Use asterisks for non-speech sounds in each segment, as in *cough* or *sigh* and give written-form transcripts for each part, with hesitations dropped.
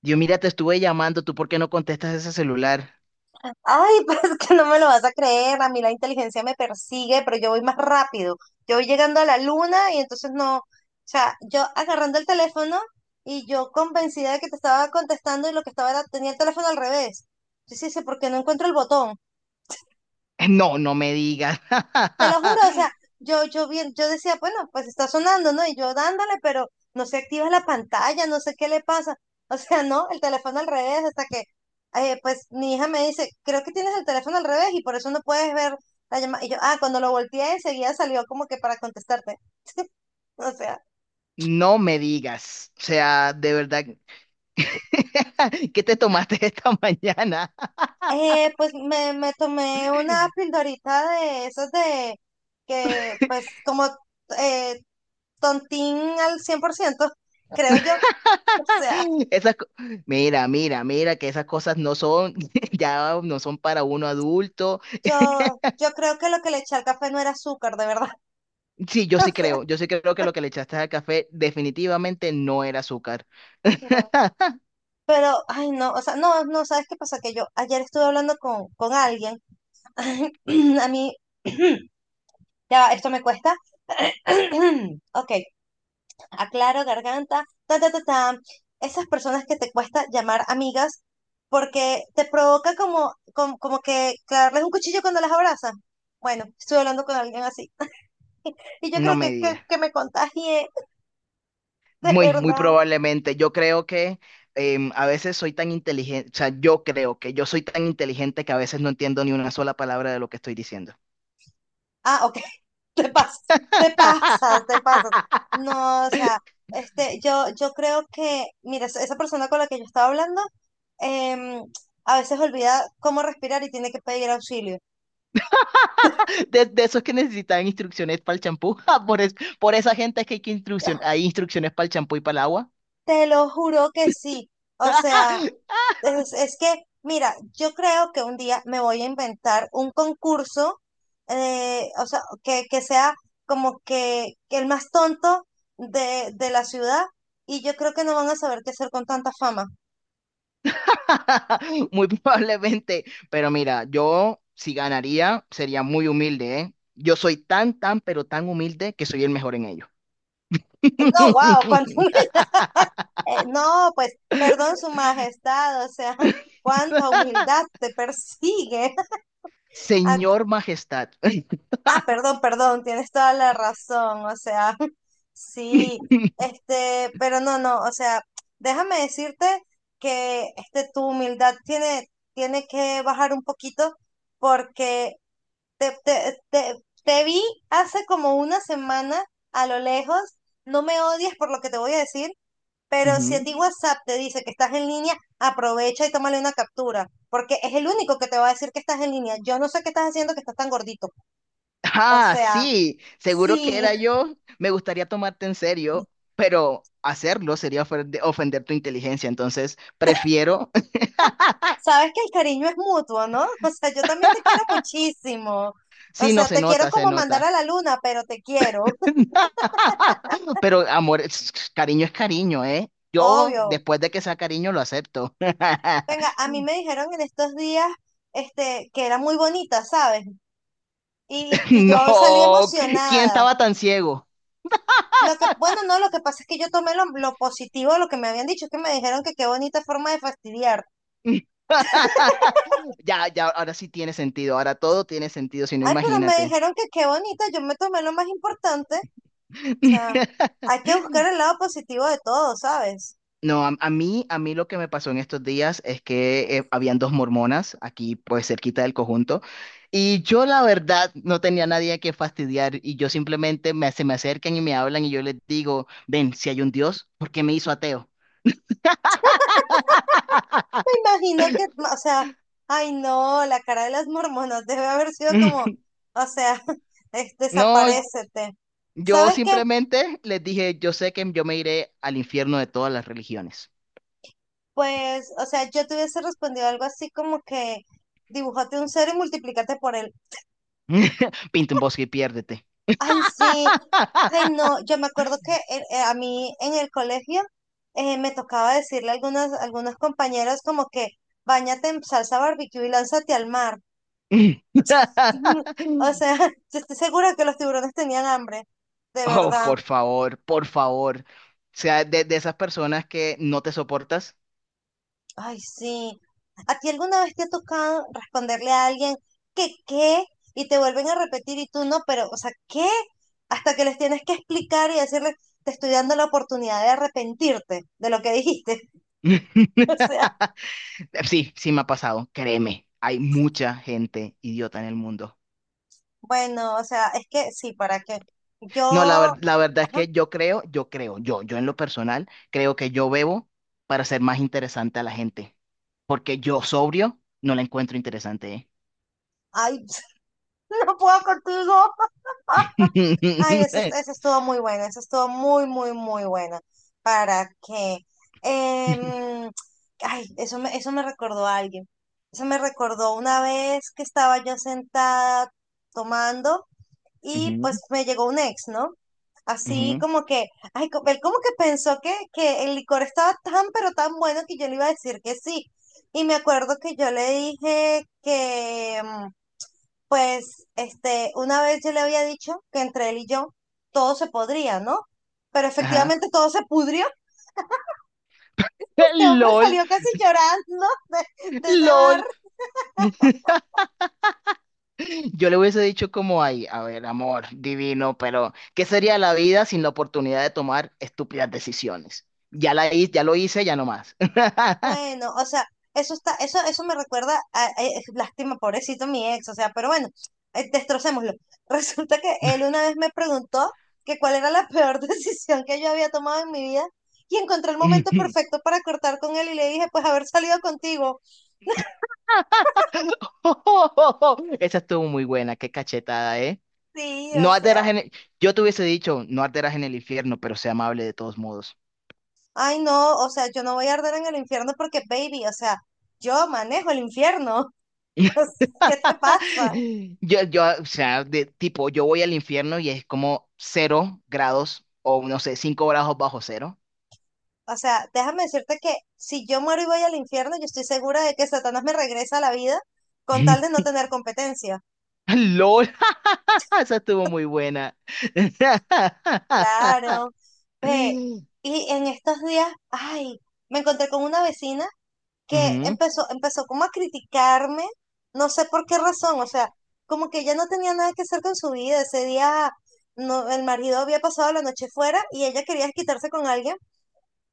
Dios, mira, te estuve llamando, ¿tú por qué no contestas ese celular? Ay, *laughs* pues es que no me lo vas a creer, a mí la inteligencia me persigue, pero yo voy más rápido. Yo voy llegando a la luna y entonces no, o sea, yo agarrando el teléfono y yo convencida de que te estaba contestando y lo que estaba era, tenía el teléfono al revés. Yo sí sé, ¿por qué no encuentro el botón? *laughs* No, no me digas. Te lo juro, o *laughs* sea, yo bien, yo decía, bueno, pues está sonando, ¿no? Y yo dándole, pero no se activa la pantalla, no sé qué le pasa. *laughs* O sea, no, el teléfono al revés, hasta que, pues mi hija me dice, creo que tienes el teléfono al revés y por eso no puedes ver la llamada. Y yo, ah, cuando lo volteé enseguida salió como que para contestarte. *laughs* O sea, No me digas. O sea, de verdad, *laughs* ¿qué te tomaste esta mañana? Pues me tomé una *laughs* pildorita de esos de que, pues como eh, tontín al 100%, creo yo. O sea. Esas, mira, mira, mira, que esas cosas no son, *laughs* ya no son para uno adulto. Yo creo que lo que le eché al café no era azúcar, de verdad. Sí, *laughs* O yo sí creo que lo que le echaste al café definitivamente no era azúcar. sea, no. *laughs* Pero, ay, no, o sea, no, no, ¿sabes qué pasa? Que yo ayer estuve hablando con alguien. *clears throat* A mí, *clears throat* ya, va, esto me cuesta. *clears throat* Ok, aclaro, garganta, ta, ta, ta, ta. Esas personas que te cuesta llamar amigas porque te provoca como que clavarles un cuchillo cuando las abrazas. Bueno, estuve hablando con alguien así. *laughs* Y yo No creo me que, que, digas. que me contagié, de Muy, muy verdad. probablemente. Yo creo que a veces soy tan inteligente, o sea, yo creo que yo soy tan inteligente que a veces no entiendo ni una sola palabra de lo que estoy diciendo. Ah, ok. *laughs* Te pasas, te pasas, te pasas. No, o sea, este, yo creo que, mira, esa persona con la que yo estaba hablando, em, a veces olvida cómo respirar y tiene que pedir auxilio. *laughs* De esos que necesitan instrucciones para el champú. *laughs* Ah, por, por esa gente es que hay, que hay instrucciones para el champú y para el agua. Te lo juro que sí. O sea, es que, mira, yo creo que un día me voy a inventar un concurso, o sea, que sea como que el más tonto de la ciudad, y yo creo que no van a saber qué hacer con tanta fama. *laughs* Muy probablemente. Pero mira, yo si ganaría sería muy humilde, ¿eh? Yo soy tan, tan, pero tan humilde que soy el mejor en ello. *laughs* No, wow, cuánto *laughs* no, pues, perdón, su majestad, o sea, *laughs* cuánta humildad te persigue. *laughs* Ah, Señor Majestad. ah, perdón, perdón, tienes toda la razón, o sea, *laughs* sí, *laughs* este, pero no, no, o sea, déjame decirte que este, tu humildad tiene, tiene que bajar un poquito porque te, te, te, te vi hace como una semana a lo lejos, no me odies por lo que te voy a decir. Pero si a Ujú. ti WhatsApp te dice que estás en línea, aprovecha y tómale una captura, porque es el único que te va a decir que estás en línea. Yo no sé qué estás haciendo que estás tan gordito. O Ah, sea, sí, seguro que sí, era yo. Me gustaría tomarte en serio, pero hacerlo sería ofender tu inteligencia. Entonces, prefiero. *laughs* sabes que el cariño es mutuo, ¿no? *laughs* O sea, yo también te quiero muchísimo. O Sí, no sea, se te quiero nota, se como mandar a nota. la luna, pero te quiero, *laughs* *laughs* Pero amor, cariño es cariño, ¿eh? Yo, obvio. después de que sea cariño, lo acepto. Venga, *laughs* a mí me dijeron en estos días, este, que era muy bonita, ¿sabes? Y yo salí No, ¿quién emocionada. estaba tan ciego? Lo que, bueno, no, lo que pasa es que yo tomé lo positivo de lo que me habían dicho, es que me dijeron que qué bonita forma de fastidiar. *laughs* Ya, ya, ahora sí tiene sentido. Ahora todo tiene sentido, si no, Ay, pero me imagínate. dijeron que qué bonita, yo me tomé lo más importante. O sea, *laughs* hay que buscar el lado positivo de todo, ¿sabes? No, a mí lo que me pasó en estos días es que habían dos mormonas aquí, pues cerquita del conjunto, y yo la verdad no tenía nadie a que fastidiar y yo simplemente me, se me acercan y me hablan y yo les digo, ven, si hay un Dios, ¿por qué me hizo ateo? Me imagino que, o sea, ay no, la cara de las mormonas debe haber sido como, *laughs* o sea, *laughs* es, No, desaparécete. yo ¿Sabes qué? simplemente les dije, yo sé que yo me iré al infierno de todas las religiones. Pues, o sea, yo te hubiese respondido algo así como que dibújate un cero y multiplícate por él. *laughs* Pinta un bosque y piérdete. Ay, sí. Ay, no, yo me acuerdo que a mí en el colegio me tocaba decirle a algunas, algunos compañeros como que bañate en salsa barbecue y lánzate al mar. *laughs* O *laughs* sea, *laughs* yo estoy segura que los tiburones tenían hambre, de Oh, verdad. por favor, por favor. O sea, de esas personas que no te soportas. Ay, sí. ¿A ti alguna vez te ha tocado responderle a alguien que qué? Y te vuelven a repetir y tú no, pero, o sea, ¿qué? Hasta que les tienes que explicar y decirles, te estoy dando la oportunidad de arrepentirte de lo que dijiste. *laughs* O sea. *laughs* Sí, sí me ha pasado, créeme. Hay mucha gente idiota en el mundo. Bueno, o sea, es que sí, ¿para qué? Yo, No, la, la verdad es ajá, que yo creo, yo creo, yo en lo personal, creo que yo bebo para ser más interesante a la gente. Porque yo sobrio no la encuentro interesante, ay, *laughs* no puedo contigo. *laughs* Ay, esa, ¿eh? esa estuvo muy buena, esa estuvo muy, muy, muy buena. ¿Para qué? *laughs* Em, ay, eso me recordó a alguien. Eso me recordó una vez que estaba yo sentada tomando. Y Ujú, pues me llegó un ex, ¿no? Así ujú, como que, ay, él como que pensó que el licor estaba tan, pero tan bueno que yo le iba a decir que sí. Y me acuerdo que yo le dije que, pues, este, una vez yo le había dicho que entre él y yo todo se podría, ¿no? Pero ajá. efectivamente todo se pudrió. *laughs* *laughs* Este hombre LOL, salió casi llorando de ese bar. LOL. *laughs* Yo le hubiese dicho como ahí, a ver, amor, divino, pero ¿qué sería la vida sin la oportunidad de tomar estúpidas decisiones? Ya la hice, ya lo hice, ya no más. *laughs* Bueno, o sea, eso está, eso me recuerda a, lástima, pobrecito mi ex, o sea, pero bueno, destrocémoslo. *laughs* Resulta que él una vez me preguntó que cuál era la peor *laughs* decisión que yo había tomado en mi vida y encontré el momento *laughs* perfecto para cortar con él y le dije, pues haber salido contigo. Esa estuvo muy buena, qué cachetada, ¿eh? Sí, o No arderás sea, en el... Yo te hubiese dicho, no arderás en el infierno, pero sea amable de todos modos. ay no, o sea, yo no voy a arder en el infierno porque, baby, o sea, yo manejo el infierno. *laughs* O sea, *laughs* ¿qué te pasa? Yo, o sea, de tipo, yo voy al infierno y es como cero grados o no sé, cinco grados bajo cero. O sea, déjame decirte que si yo muero y voy al infierno, yo estoy segura de que Satanás me regresa a la vida con tal de no tener competencia. LOL, *laughs* esa estuvo muy buena. *laughs* Claro. Ve, y en estos días, ay, me encontré con una vecina que Ujú. Empezó como a criticarme, no sé por qué razón, o sea, como que ella no tenía nada que hacer con su vida. Ese día no, el marido había pasado la noche fuera y ella quería quitarse con alguien.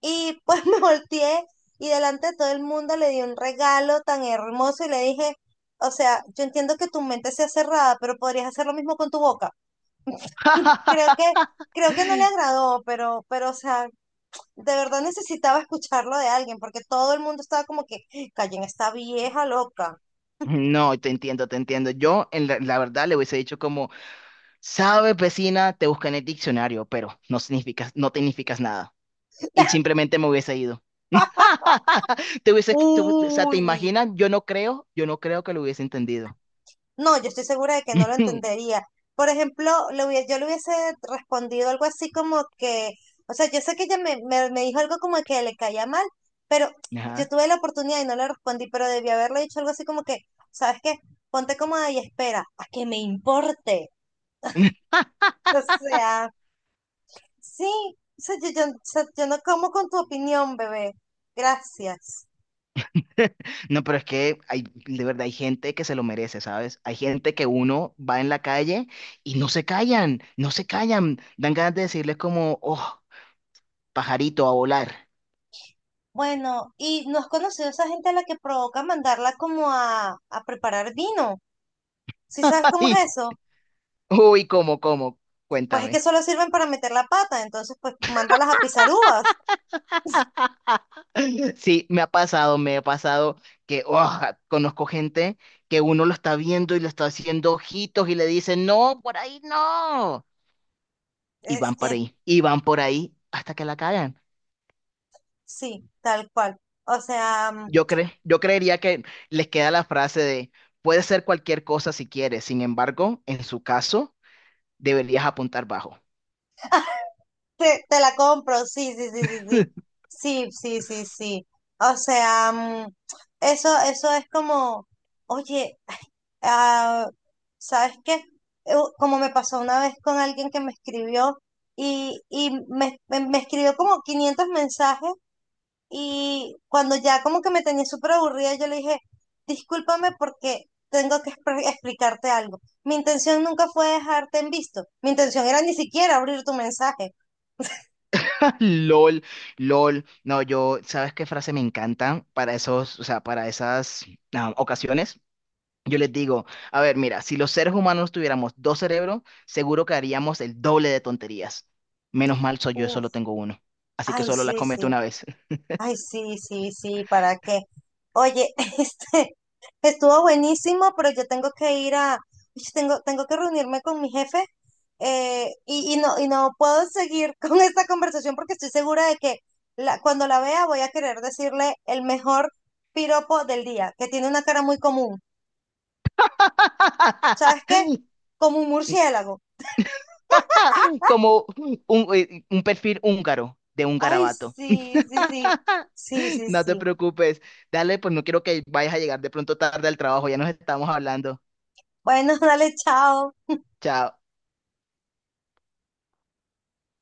Y pues *laughs* me volteé y delante de todo el mundo le di un regalo tan hermoso y le dije, o sea, yo entiendo que tu mente sea cerrada, pero podrías hacer lo mismo con tu boca. *laughs* Creo que, *laughs* creo que no le agradó, pero, o sea, de verdad necesitaba escucharlo de alguien, porque todo el mundo estaba como que, callen esta vieja loca. No, te entiendo, te entiendo. Yo, en la, la verdad, le hubiese dicho como, sabes, vecina, te busca en el diccionario, pero no significas, no te significas nada. Y simplemente me hubiese ido. *laughs* *laughs* Te hubiese, o sea, ¿te Uy, imaginas? Yo no creo que lo hubiese entendido. no, yo estoy segura de que no lo *laughs* entendería. Por ejemplo, yo le hubiese respondido algo así como que, o sea, yo sé que ella me dijo algo como que le caía mal, pero yo Ajá. tuve la oportunidad y no le respondí, pero debí haberle dicho algo así como que, ¿sabes qué? Ponte cómoda y espera, a que me importe. *laughs* O sea, sí, o sea, o sea, yo no como con tu opinión, bebé. Gracias. *laughs* No, pero es que hay, de verdad, hay gente que se lo merece, ¿sabes? Hay gente que uno va en la calle y no se callan, no se callan. Dan ganas de decirles como, oh, pajarito a volar. Bueno, ¿y no has conocido a esa gente a la que provoca mandarla como a preparar vino? ¿Sí *laughs* sabes cómo Ay, es eso? uy, ¿cómo, cómo? Pues es que Cuéntame. solo sirven para meter la pata, entonces pues mándalas a pisar uvas. Sí, me ha pasado que, oh, conozco gente que uno lo está viendo y le está haciendo ojitos y le dice, no, por ahí no. Y Es van por que ahí, y van por ahí hasta que la cagan. sí, tal cual. O sea, mm, Yo creería que les queda la frase de puede ser cualquier cosa si quieres, sin embargo, en su caso, deberías apuntar bajo. Te la compro, sí, sí, sí, sí, sí. *laughs* Sí, sí, sí, sí. O sea, mm, eso es como, oye, ah, ¿sabes qué? Como me pasó una vez con alguien que me escribió y me escribió como 500 mensajes. Y cuando ya como que me tenía súper aburrida, yo le dije, discúlpame porque tengo que explicarte algo. Mi intención nunca fue dejarte en visto. Mi intención era ni siquiera abrir tu mensaje. LOL, LOL. No, yo, ¿sabes qué frase me encanta para esos, o sea, para esas ocasiones? Yo les digo, a ver, mira, si los seres humanos tuviéramos dos cerebros, seguro que haríamos el doble de tonterías. Menos mal soy yo, Uf, solo tengo uno. Así que ay, solo la sí, sí. cometo una vez. Ay, sí, sí, sí, ¿para qué? Oye, *laughs* este, estuvo buenísimo, pero yo tengo que ir a, tengo que reunirme con mi jefe y, y no puedo seguir *laughs* con esta conversación porque estoy segura de que la, cuando la vea voy a querer decirle el mejor piropo del día, que tiene una cara muy común. ¿Sabes qué? *laughs* Como un murciélago. *laughs* Como un perfil húngaro de un Ay, garabato. sí, sí, sí, sí, *laughs* sí, No te sí. preocupes. Dale, pues no quiero que vayas a llegar de pronto tarde al trabajo. Ya nos estamos hablando. Bueno, *laughs* dale, chao. Chao.